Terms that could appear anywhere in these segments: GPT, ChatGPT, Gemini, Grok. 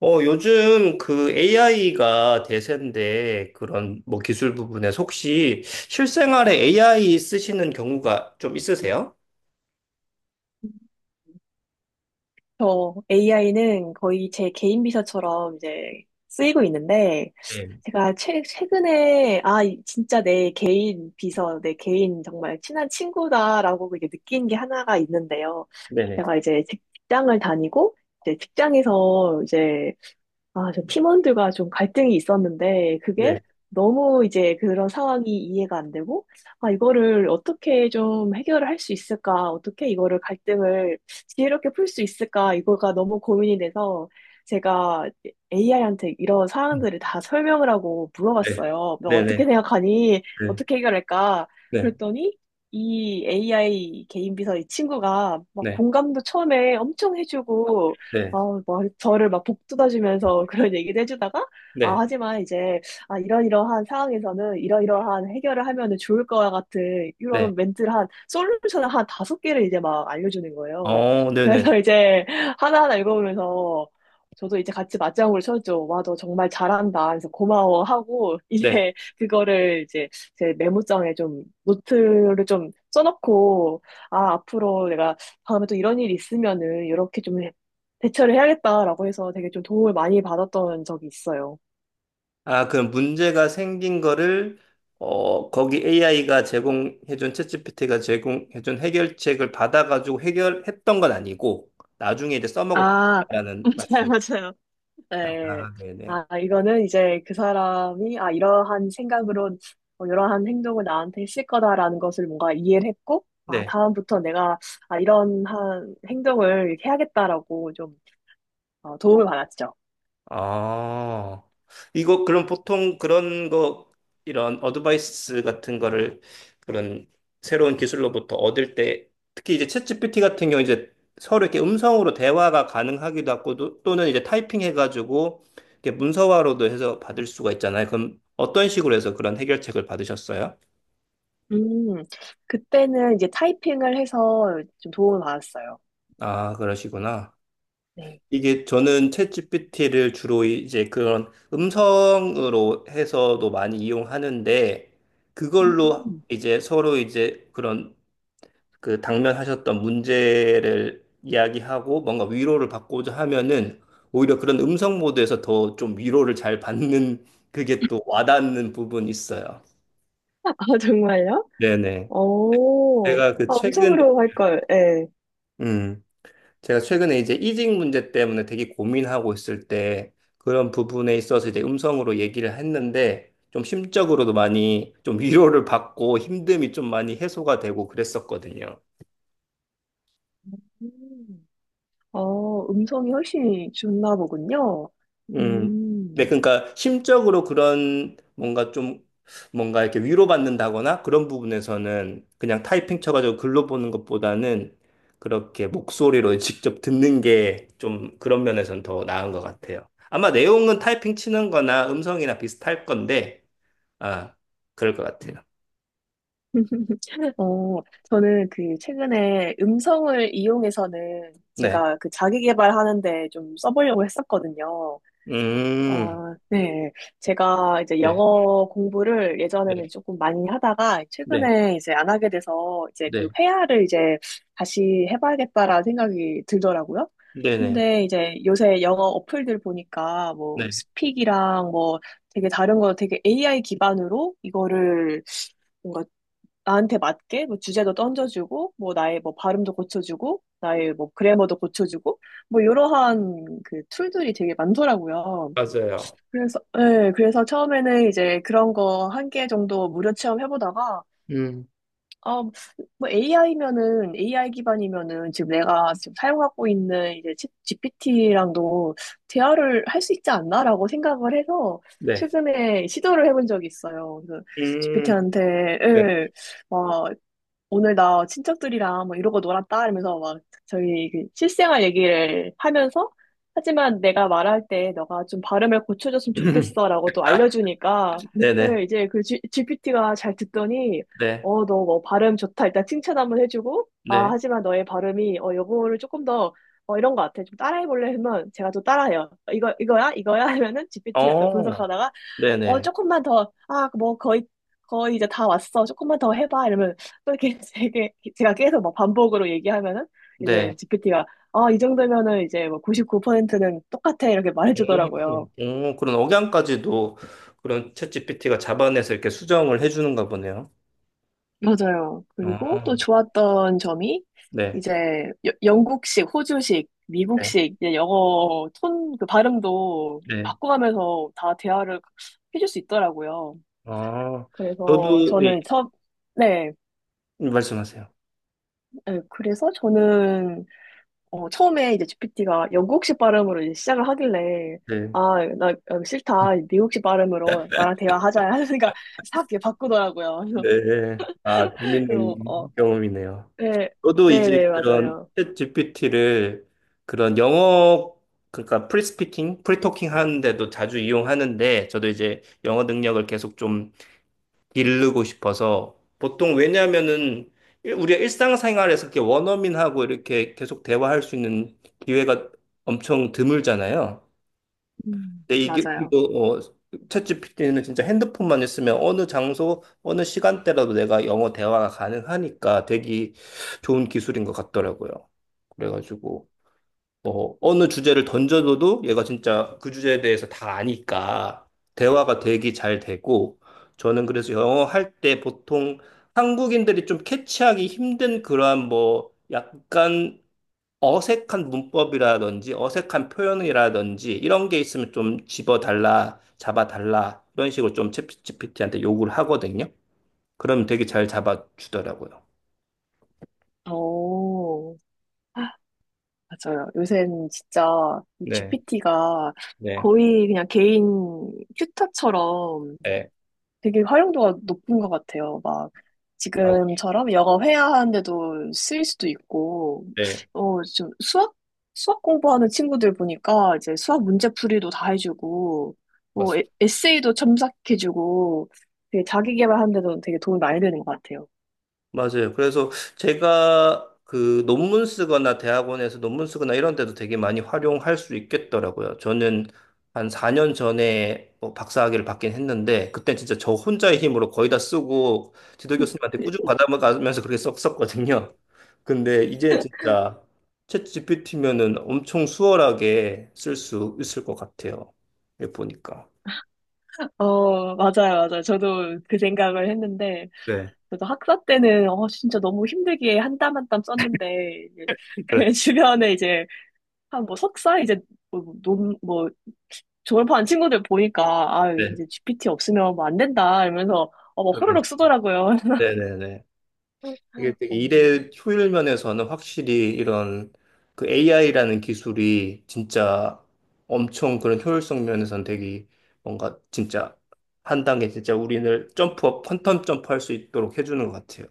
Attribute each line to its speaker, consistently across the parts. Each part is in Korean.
Speaker 1: 요즘 그 AI가 대세인데 그런 뭐 기술 부분에서 혹시 실생활에 AI 쓰시는 경우가 좀 있으세요?
Speaker 2: 저 AI는 거의 제 개인 비서처럼 이제 쓰이고 있는데,
Speaker 1: 네.
Speaker 2: 제가 최근에, 진짜 내 개인 비서, 내 개인 정말 친한 친구다라고 이제 느낀 게 하나가 있는데요.
Speaker 1: 네네.
Speaker 2: 제가 이제 직장을 다니고, 이제 직장에서 이제 저 팀원들과 좀 갈등이 있었는데,
Speaker 1: 네.
Speaker 2: 그게 너무 이제 그런 상황이 이해가 안 되고, 이거를 어떻게 좀 해결을 할 수 있을까, 어떻게 이거를 갈등을 지혜롭게 풀 수 있을까, 이거가 너무 고민이 돼서, 제가 AI한테 이런 상황들을 다 설명을 하고
Speaker 1: 네.
Speaker 2: 물어봤어요. 너 어떻게
Speaker 1: 네네.
Speaker 2: 생각하니?
Speaker 1: 네.
Speaker 2: 어떻게 해결할까?
Speaker 1: 네.
Speaker 2: 그랬더니, 이 AI 개인 비서 이 친구가 막
Speaker 1: 네.
Speaker 2: 공감도 처음에 엄청 해주고,
Speaker 1: 네.
Speaker 2: 뭐, 저를 막 복돋아주면서 그런 얘기도 해주다가,
Speaker 1: 네.
Speaker 2: 하지만 이제, 이러이러한 상황에서는 이러이러한 해결을 하면은 좋을 거와 같은
Speaker 1: 네.
Speaker 2: 이런 멘트를 한, 솔루션을 한 다섯 개를 이제 막 알려주는 거예요.
Speaker 1: 네네.
Speaker 2: 그래서 이제 하나하나 읽어보면서, 저도 이제 같이 맞장구를 쳤죠. 와, 너 정말 잘한다. 그래서 고마워 하고,
Speaker 1: 네. 네.
Speaker 2: 이제 그거를 이제 제 메모장에 좀 노트를 좀 써놓고, 앞으로 내가 다음에 또 이런 일이 있으면은 이렇게 좀 대처를 해야겠다라고 해서 되게 좀 도움을 많이 받았던 적이 있어요.
Speaker 1: 아, 그럼 문제가 생긴 거를 거기 AI가 제공해준 챗GPT가 제공해준 해결책을 받아가지고 해결했던 건 아니고 나중에 이제 써먹어
Speaker 2: 아,
Speaker 1: 보겠다는
Speaker 2: 맞아요,
Speaker 1: 말씀.
Speaker 2: 맞아요. 네.
Speaker 1: 아, 네네.
Speaker 2: 이거는 이제 그 사람이, 이러한 생각으로, 이러한 행동을 나한테 했을 거다라는 것을 뭔가 이해를 했고,
Speaker 1: 네.
Speaker 2: 다음부터 내가, 이런 한 행동을 해야겠다라고 좀 도움을 받았죠.
Speaker 1: 아, 이거 그럼 보통 그런 거, 이런 어드바이스 같은 거를 그런 새로운 기술로부터 얻을 때, 특히 이제 챗GPT 같은 경우 이제 서로 이렇게 음성으로 대화가 가능하기도 하고, 또는 이제 타이핑 해가지고, 이렇게 문서화로도 해서 받을 수가 있잖아요. 그럼 어떤 식으로 해서 그런 해결책을 받으셨어요?
Speaker 2: 음, 그때는 이제 타이핑을 해서 좀 도움을 받았어요.
Speaker 1: 아, 그러시구나.
Speaker 2: 네.
Speaker 1: 이게 저는 챗GPT를 주로 이제 그런 음성으로 해서도 많이 이용하는데 그걸로
Speaker 2: 음.
Speaker 1: 이제 서로 이제 그런 그 당면하셨던 문제를 이야기하고 뭔가 위로를 받고자 하면은 오히려 그런 음성 모드에서 더 좀 위로를 잘 받는 그게 또 와닿는 부분이 있어요.
Speaker 2: 정말요?
Speaker 1: 네네.
Speaker 2: 오,
Speaker 1: 제가 그 최근에
Speaker 2: 음성으로 할 걸. 예.
Speaker 1: 음. 제가 최근에 이제 이직 문제 때문에 되게 고민하고 있을 때 그런 부분에 있어서 이제 음성으로 얘기를 했는데 좀 심적으로도 많이 좀 위로를 받고 힘듦이 좀 많이 해소가 되고 그랬었거든요.
Speaker 2: 음. 음성이 훨씬 좋나 보군요.
Speaker 1: 음, 네,
Speaker 2: 음.
Speaker 1: 그러니까 심적으로 그런 뭔가 좀 뭔가 이렇게 위로받는다거나 그런 부분에서는 그냥 타이핑 쳐가지고 글로 보는 것보다는 그렇게 목소리로 직접 듣는 게 좀 그런 면에서는 더 나은 것 같아요. 아마 내용은 타이핑 치는 거나 음성이나 비슷할 건데, 아, 그럴 것 같아요.
Speaker 2: 어, 저는 그 최근에 음성을 이용해서는
Speaker 1: 네.
Speaker 2: 제가 그 자기 개발하는데 좀 써보려고 했었거든요.
Speaker 1: 음,
Speaker 2: 네. 제가 이제
Speaker 1: 네,
Speaker 2: 영어 공부를 예전에는
Speaker 1: 네,
Speaker 2: 조금 많이 하다가
Speaker 1: 네,
Speaker 2: 최근에 이제 안 하게 돼서 이제 그
Speaker 1: 네,
Speaker 2: 회화를 이제 다시 해봐야겠다라는 생각이 들더라고요.
Speaker 1: 네, 네,
Speaker 2: 근데 이제 요새 영어 어플들 보니까 뭐
Speaker 1: 네,
Speaker 2: 스픽이랑 뭐 되게 다른 거 되게 AI 기반으로 이거를 뭔가 나한테 맞게 뭐 주제도 던져주고 뭐 나의 뭐 발음도 고쳐주고 나의 뭐 그래머도 고쳐주고 뭐 이러한 그 툴들이 되게 많더라고요.
Speaker 1: 맞아요.
Speaker 2: 그래서, 네, 그래서 처음에는 이제 그런 거 한 개 정도 무료 체험해보다가,
Speaker 1: 음,
Speaker 2: 아, 뭐 AI면은, AI 기반이면은 지금 내가 지금 사용하고 있는 이제 GPT랑도 대화를 할 수 있지 않나라고 생각을 해서
Speaker 1: 네.
Speaker 2: 최근에 시도를 해본 적이 있어요. 그래서
Speaker 1: 음,
Speaker 2: GPT한테,
Speaker 1: 네.
Speaker 2: 오늘 나 친척들이랑 뭐 이러고 놀았다 이러면서 막 저희 그 실생활 얘기를 하면서 하지만 내가 말할 때 너가 좀 발음을 고쳐줬으면 좋겠어라고 또 알려주니까 예,
Speaker 1: 네네.
Speaker 2: 이제 그 GPT가 잘 듣더니
Speaker 1: 네,
Speaker 2: 어 너 뭐 발음 좋다 일단 칭찬 한번 해주고 아
Speaker 1: 네.
Speaker 2: 하지만 너의 발음이 어 요거를 조금 더 어 이런 거 같아 좀 따라해볼래 하면 제가 또 따라해요. 이거 이거야 이거야 하면은
Speaker 1: 그
Speaker 2: GPT가 또
Speaker 1: 어,
Speaker 2: 분석하다가
Speaker 1: 네네,
Speaker 2: 조금만 더, 뭐, 거의 이제 다 왔어. 조금만 더 해봐. 이러면 또 이렇게 되게, 제가 계속 막 반복으로 얘기하면은
Speaker 1: 네.
Speaker 2: 이제 GPT가, 이 정도면은 이제 뭐 99%는 똑같아. 이렇게 말해주더라고요.
Speaker 1: 그런 억양까지도 그런 챗GPT가 잡아내서 이렇게 수정을 해주는가 보네요.
Speaker 2: 맞아요. 그리고
Speaker 1: 어,
Speaker 2: 또 좋았던 점이
Speaker 1: 네,
Speaker 2: 이제 영국식, 호주식,
Speaker 1: 네,
Speaker 2: 미국식 이제 영어 톤 그 발음도
Speaker 1: 네.
Speaker 2: 바꿔가면서 다 대화를 해줄 수 있더라고요.
Speaker 1: 어,
Speaker 2: 그래서
Speaker 1: 저도, 이-
Speaker 2: 저는 처, 네.
Speaker 1: 말씀하세요.
Speaker 2: 네, 그래서 저는 처음에 이제 GPT가 영국식 발음으로 이제 시작을 하길래,
Speaker 1: 네,
Speaker 2: 나 싫다. 미국식 발음으로 나랑 대화하자. 하니까 싹 이렇게 바꾸더라고요. 그래서,
Speaker 1: 네. 아,
Speaker 2: 그래서, 어,
Speaker 1: 재밌는 경험이네요.
Speaker 2: 네,
Speaker 1: 저도
Speaker 2: 네네,
Speaker 1: 이제 그런
Speaker 2: 맞아요.
Speaker 1: 챗GPT를 그런 영어, 그러니까 프리스피킹, 프리토킹 하는데도 자주 이용하는데, 저도 이제 영어 능력을 계속 좀 기르고 싶어서 보통 왜냐면은 우리가 일상생활에서 이렇게 원어민하고 이렇게 계속 대화할 수 있는 기회가 엄청 드물잖아요.
Speaker 2: 음.
Speaker 1: 근데 이게
Speaker 2: 맞아요.
Speaker 1: 이거 챗 p t 는 진짜 핸드폰만 있으면 어느 장소, 어느 시간대라도 내가 영어 대화가 가능하니까 되게 좋은 기술인 것 같더라고요. 그래가지고 어, 어느 주제를 던져줘도 얘가 진짜 그 주제에 대해서 다 아니까 대화가 되게 잘 되고 저는 그래서 영어 할 때 보통 한국인들이 좀 캐치하기 힘든 그러한 뭐 약간 어색한 문법이라든지 어색한 표현이라든지 이런 게 있으면 좀 집어달라, 잡아달라 이런 식으로 좀 챗 g 피티한테 요구를 하거든요. 그러면 되게 잘 잡아주더라고요.
Speaker 2: 오, 맞아요. 요새는 진짜 이
Speaker 1: 네,
Speaker 2: GPT가
Speaker 1: 네,
Speaker 2: 거의 그냥 개인 튜터처럼
Speaker 1: 네,
Speaker 2: 되게 활용도가 높은 것 같아요. 막
Speaker 1: 맞,
Speaker 2: 지금처럼 영어 회화하는데도 쓰일 수도 있고,
Speaker 1: 네,
Speaker 2: 좀 수학 공부하는 친구들 보니까 이제 수학 문제풀이도 다 해주고, 뭐 에,
Speaker 1: 맞습니다.
Speaker 2: 에세이도 첨삭해주고, 되게 자기 개발하는데도 되게 도움이 많이 되는 것 같아요.
Speaker 1: 맞아요. 그래서 제가 그 논문 쓰거나 대학원에서 논문 쓰거나 이런 데도 되게 많이 활용할 수 있겠더라고요. 저는 한 4년 전에 뭐 박사학위를 받긴 했는데 그때 진짜 저 혼자의 힘으로 거의 다 쓰고 지도 교수님한테 꾸준히 받아가면서 그렇게 썼었거든요. 근데 이제는 진짜 챗 GPT면은 엄청 수월하게 쓸 수 있을 것 같아요. 이렇게 보니까.
Speaker 2: 맞아요, 맞아요. 저도 그 생각을 했는데,
Speaker 1: 네.
Speaker 2: 저도 학사 때는, 진짜 너무 힘들게 한땀 한땀 썼는데, 이제
Speaker 1: 그렇죠.
Speaker 2: 주변에 이제 한 뭐 석사 이제 뭐, 논, 뭐 졸업한 친구들 보니까 아
Speaker 1: 네.
Speaker 2: 이제 GPT 없으면 뭐 안 된다 이러면서 뭐 호로록
Speaker 1: 그러니까.
Speaker 2: 쓰더라고요.
Speaker 1: 네네네.
Speaker 2: 어,
Speaker 1: 이게 되게 일의 효율 면에서는 확실히 이런 그 AI라는 기술이 진짜 엄청 그런 효율성 면에서는 되게 뭔가 진짜 한 단계 진짜 우리를 점프업, 퀀텀 점프할 수 있도록 해주는 것 같아요.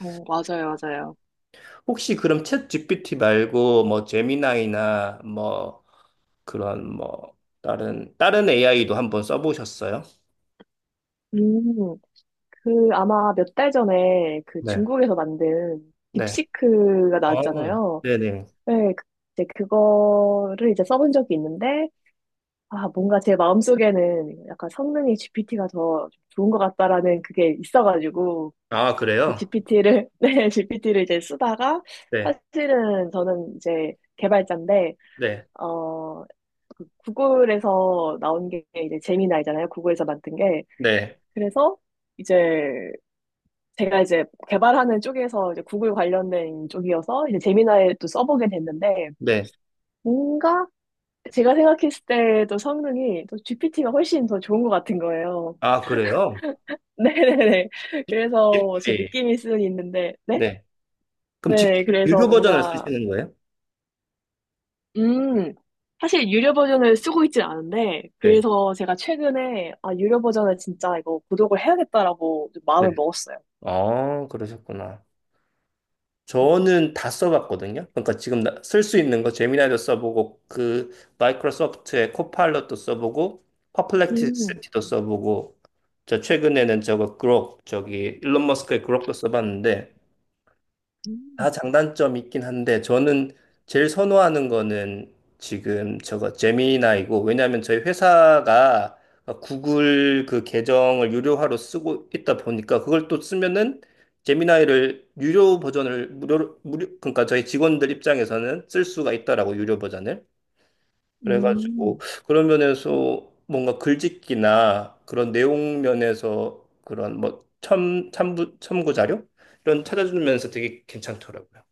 Speaker 2: 맞아요, 맞아요.
Speaker 1: 혹시 그럼 챗 GPT 말고 뭐 제미나이나 뭐 그런 뭐 다른 AI도 한번 써보셨어요?
Speaker 2: 음, 그 아마 몇 달 전에 그
Speaker 1: 네.
Speaker 2: 중국에서 만든
Speaker 1: 네.
Speaker 2: 딥시크가
Speaker 1: 아,
Speaker 2: 나왔잖아요.
Speaker 1: 네네.
Speaker 2: 네, 이제 그거를 이제 써본 적이 있는데, 뭔가 제 마음속에는 약간 성능이 GPT가 더 좋은 것 같다라는 그게 있어가지고,
Speaker 1: 아, 그래요?
Speaker 2: GPT를, 네, GPT를 이제 쓰다가,
Speaker 1: 네.
Speaker 2: 사실은 저는 이제 개발자인데,
Speaker 1: 네.
Speaker 2: 어, 그 구글에서 나온 게 이제 제미나이잖아요. 구글에서 만든 게.
Speaker 1: 네.
Speaker 2: 그래서 이제 제가 이제 개발하는 쪽에서 이제 구글 관련된 쪽이어서 이제 제미나이 또 써보게 됐는데,
Speaker 1: 네.
Speaker 2: 뭔가 제가 생각했을 때도 성능이 또 GPT가 훨씬 더 좋은 것 같은 거예요.
Speaker 1: 아, 그래요?
Speaker 2: 네네네. 그래서 제
Speaker 1: 네.
Speaker 2: 느낌일 수는 있는데, 네?
Speaker 1: 네. 그럼 집
Speaker 2: 네, 그래서
Speaker 1: 유료 버전을
Speaker 2: 뭔가
Speaker 1: 쓰시는 거예요?
Speaker 2: 음, 사실 유료 버전을 쓰고 있진 않은데,
Speaker 1: 네.
Speaker 2: 그래서 제가 최근에, 유료 버전을 진짜 이거 구독을 해야겠다라고 좀
Speaker 1: 네.
Speaker 2: 마음을 먹었어요.
Speaker 1: 아, 그러셨구나. 저는 다 써봤거든요. 그러니까 지금 쓸 수 있는 거 제미나이도 써보고 그 마이크로소프트의 코파일럿도 써보고
Speaker 2: 음,
Speaker 1: 퍼플렉시티도 써보고 저 최근에는 저거 그록 저기 일론 머스크의 그록도 써봤는데
Speaker 2: 음,
Speaker 1: 다 장단점이 있긴 한데 저는 제일 선호하는 거는 지금 저거 제미나이고 왜냐하면 저희 회사가 구글 그 계정을 유료화로 쓰고 있다 보니까 그걸 또 쓰면은 제미나이를 유료 버전을 무료 그러니까 저희 직원들 입장에서는 쓸 수가 있다라고 유료 버전을 그래가지고
Speaker 2: 음.
Speaker 1: 그런 면에서 뭔가 글짓기나 그런 내용 면에서 그런 뭐 첨부 자료 이런 찾아주면서 되게 괜찮더라고요.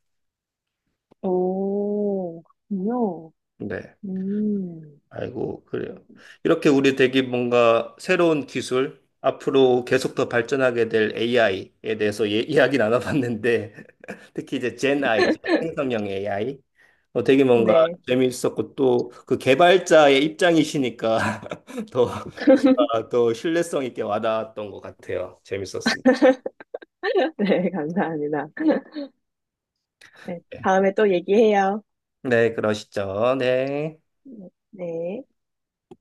Speaker 2: 오, 그렇군요.
Speaker 1: 네.
Speaker 2: 음,
Speaker 1: 아이고, 그래요. 이렇게 우리 되게 뭔가 새로운 기술, 앞으로 계속 더 발전하게 될 AI에 대해서 예, 이야기 나눠봤는데, 특히 이제 젠 아이죠. 생성형 AI. 어, 되게 뭔가
Speaker 2: 네.
Speaker 1: 재미있었고, 또 그 개발자의 입장이시니까 더, 더 신뢰성 있게 와닿았던 것 같아요. 재밌었습니다.
Speaker 2: 네, 감사합니다. 네,
Speaker 1: 네,
Speaker 2: 다음에 또 얘기해요.
Speaker 1: 네, 그러시죠. 네.
Speaker 2: 네.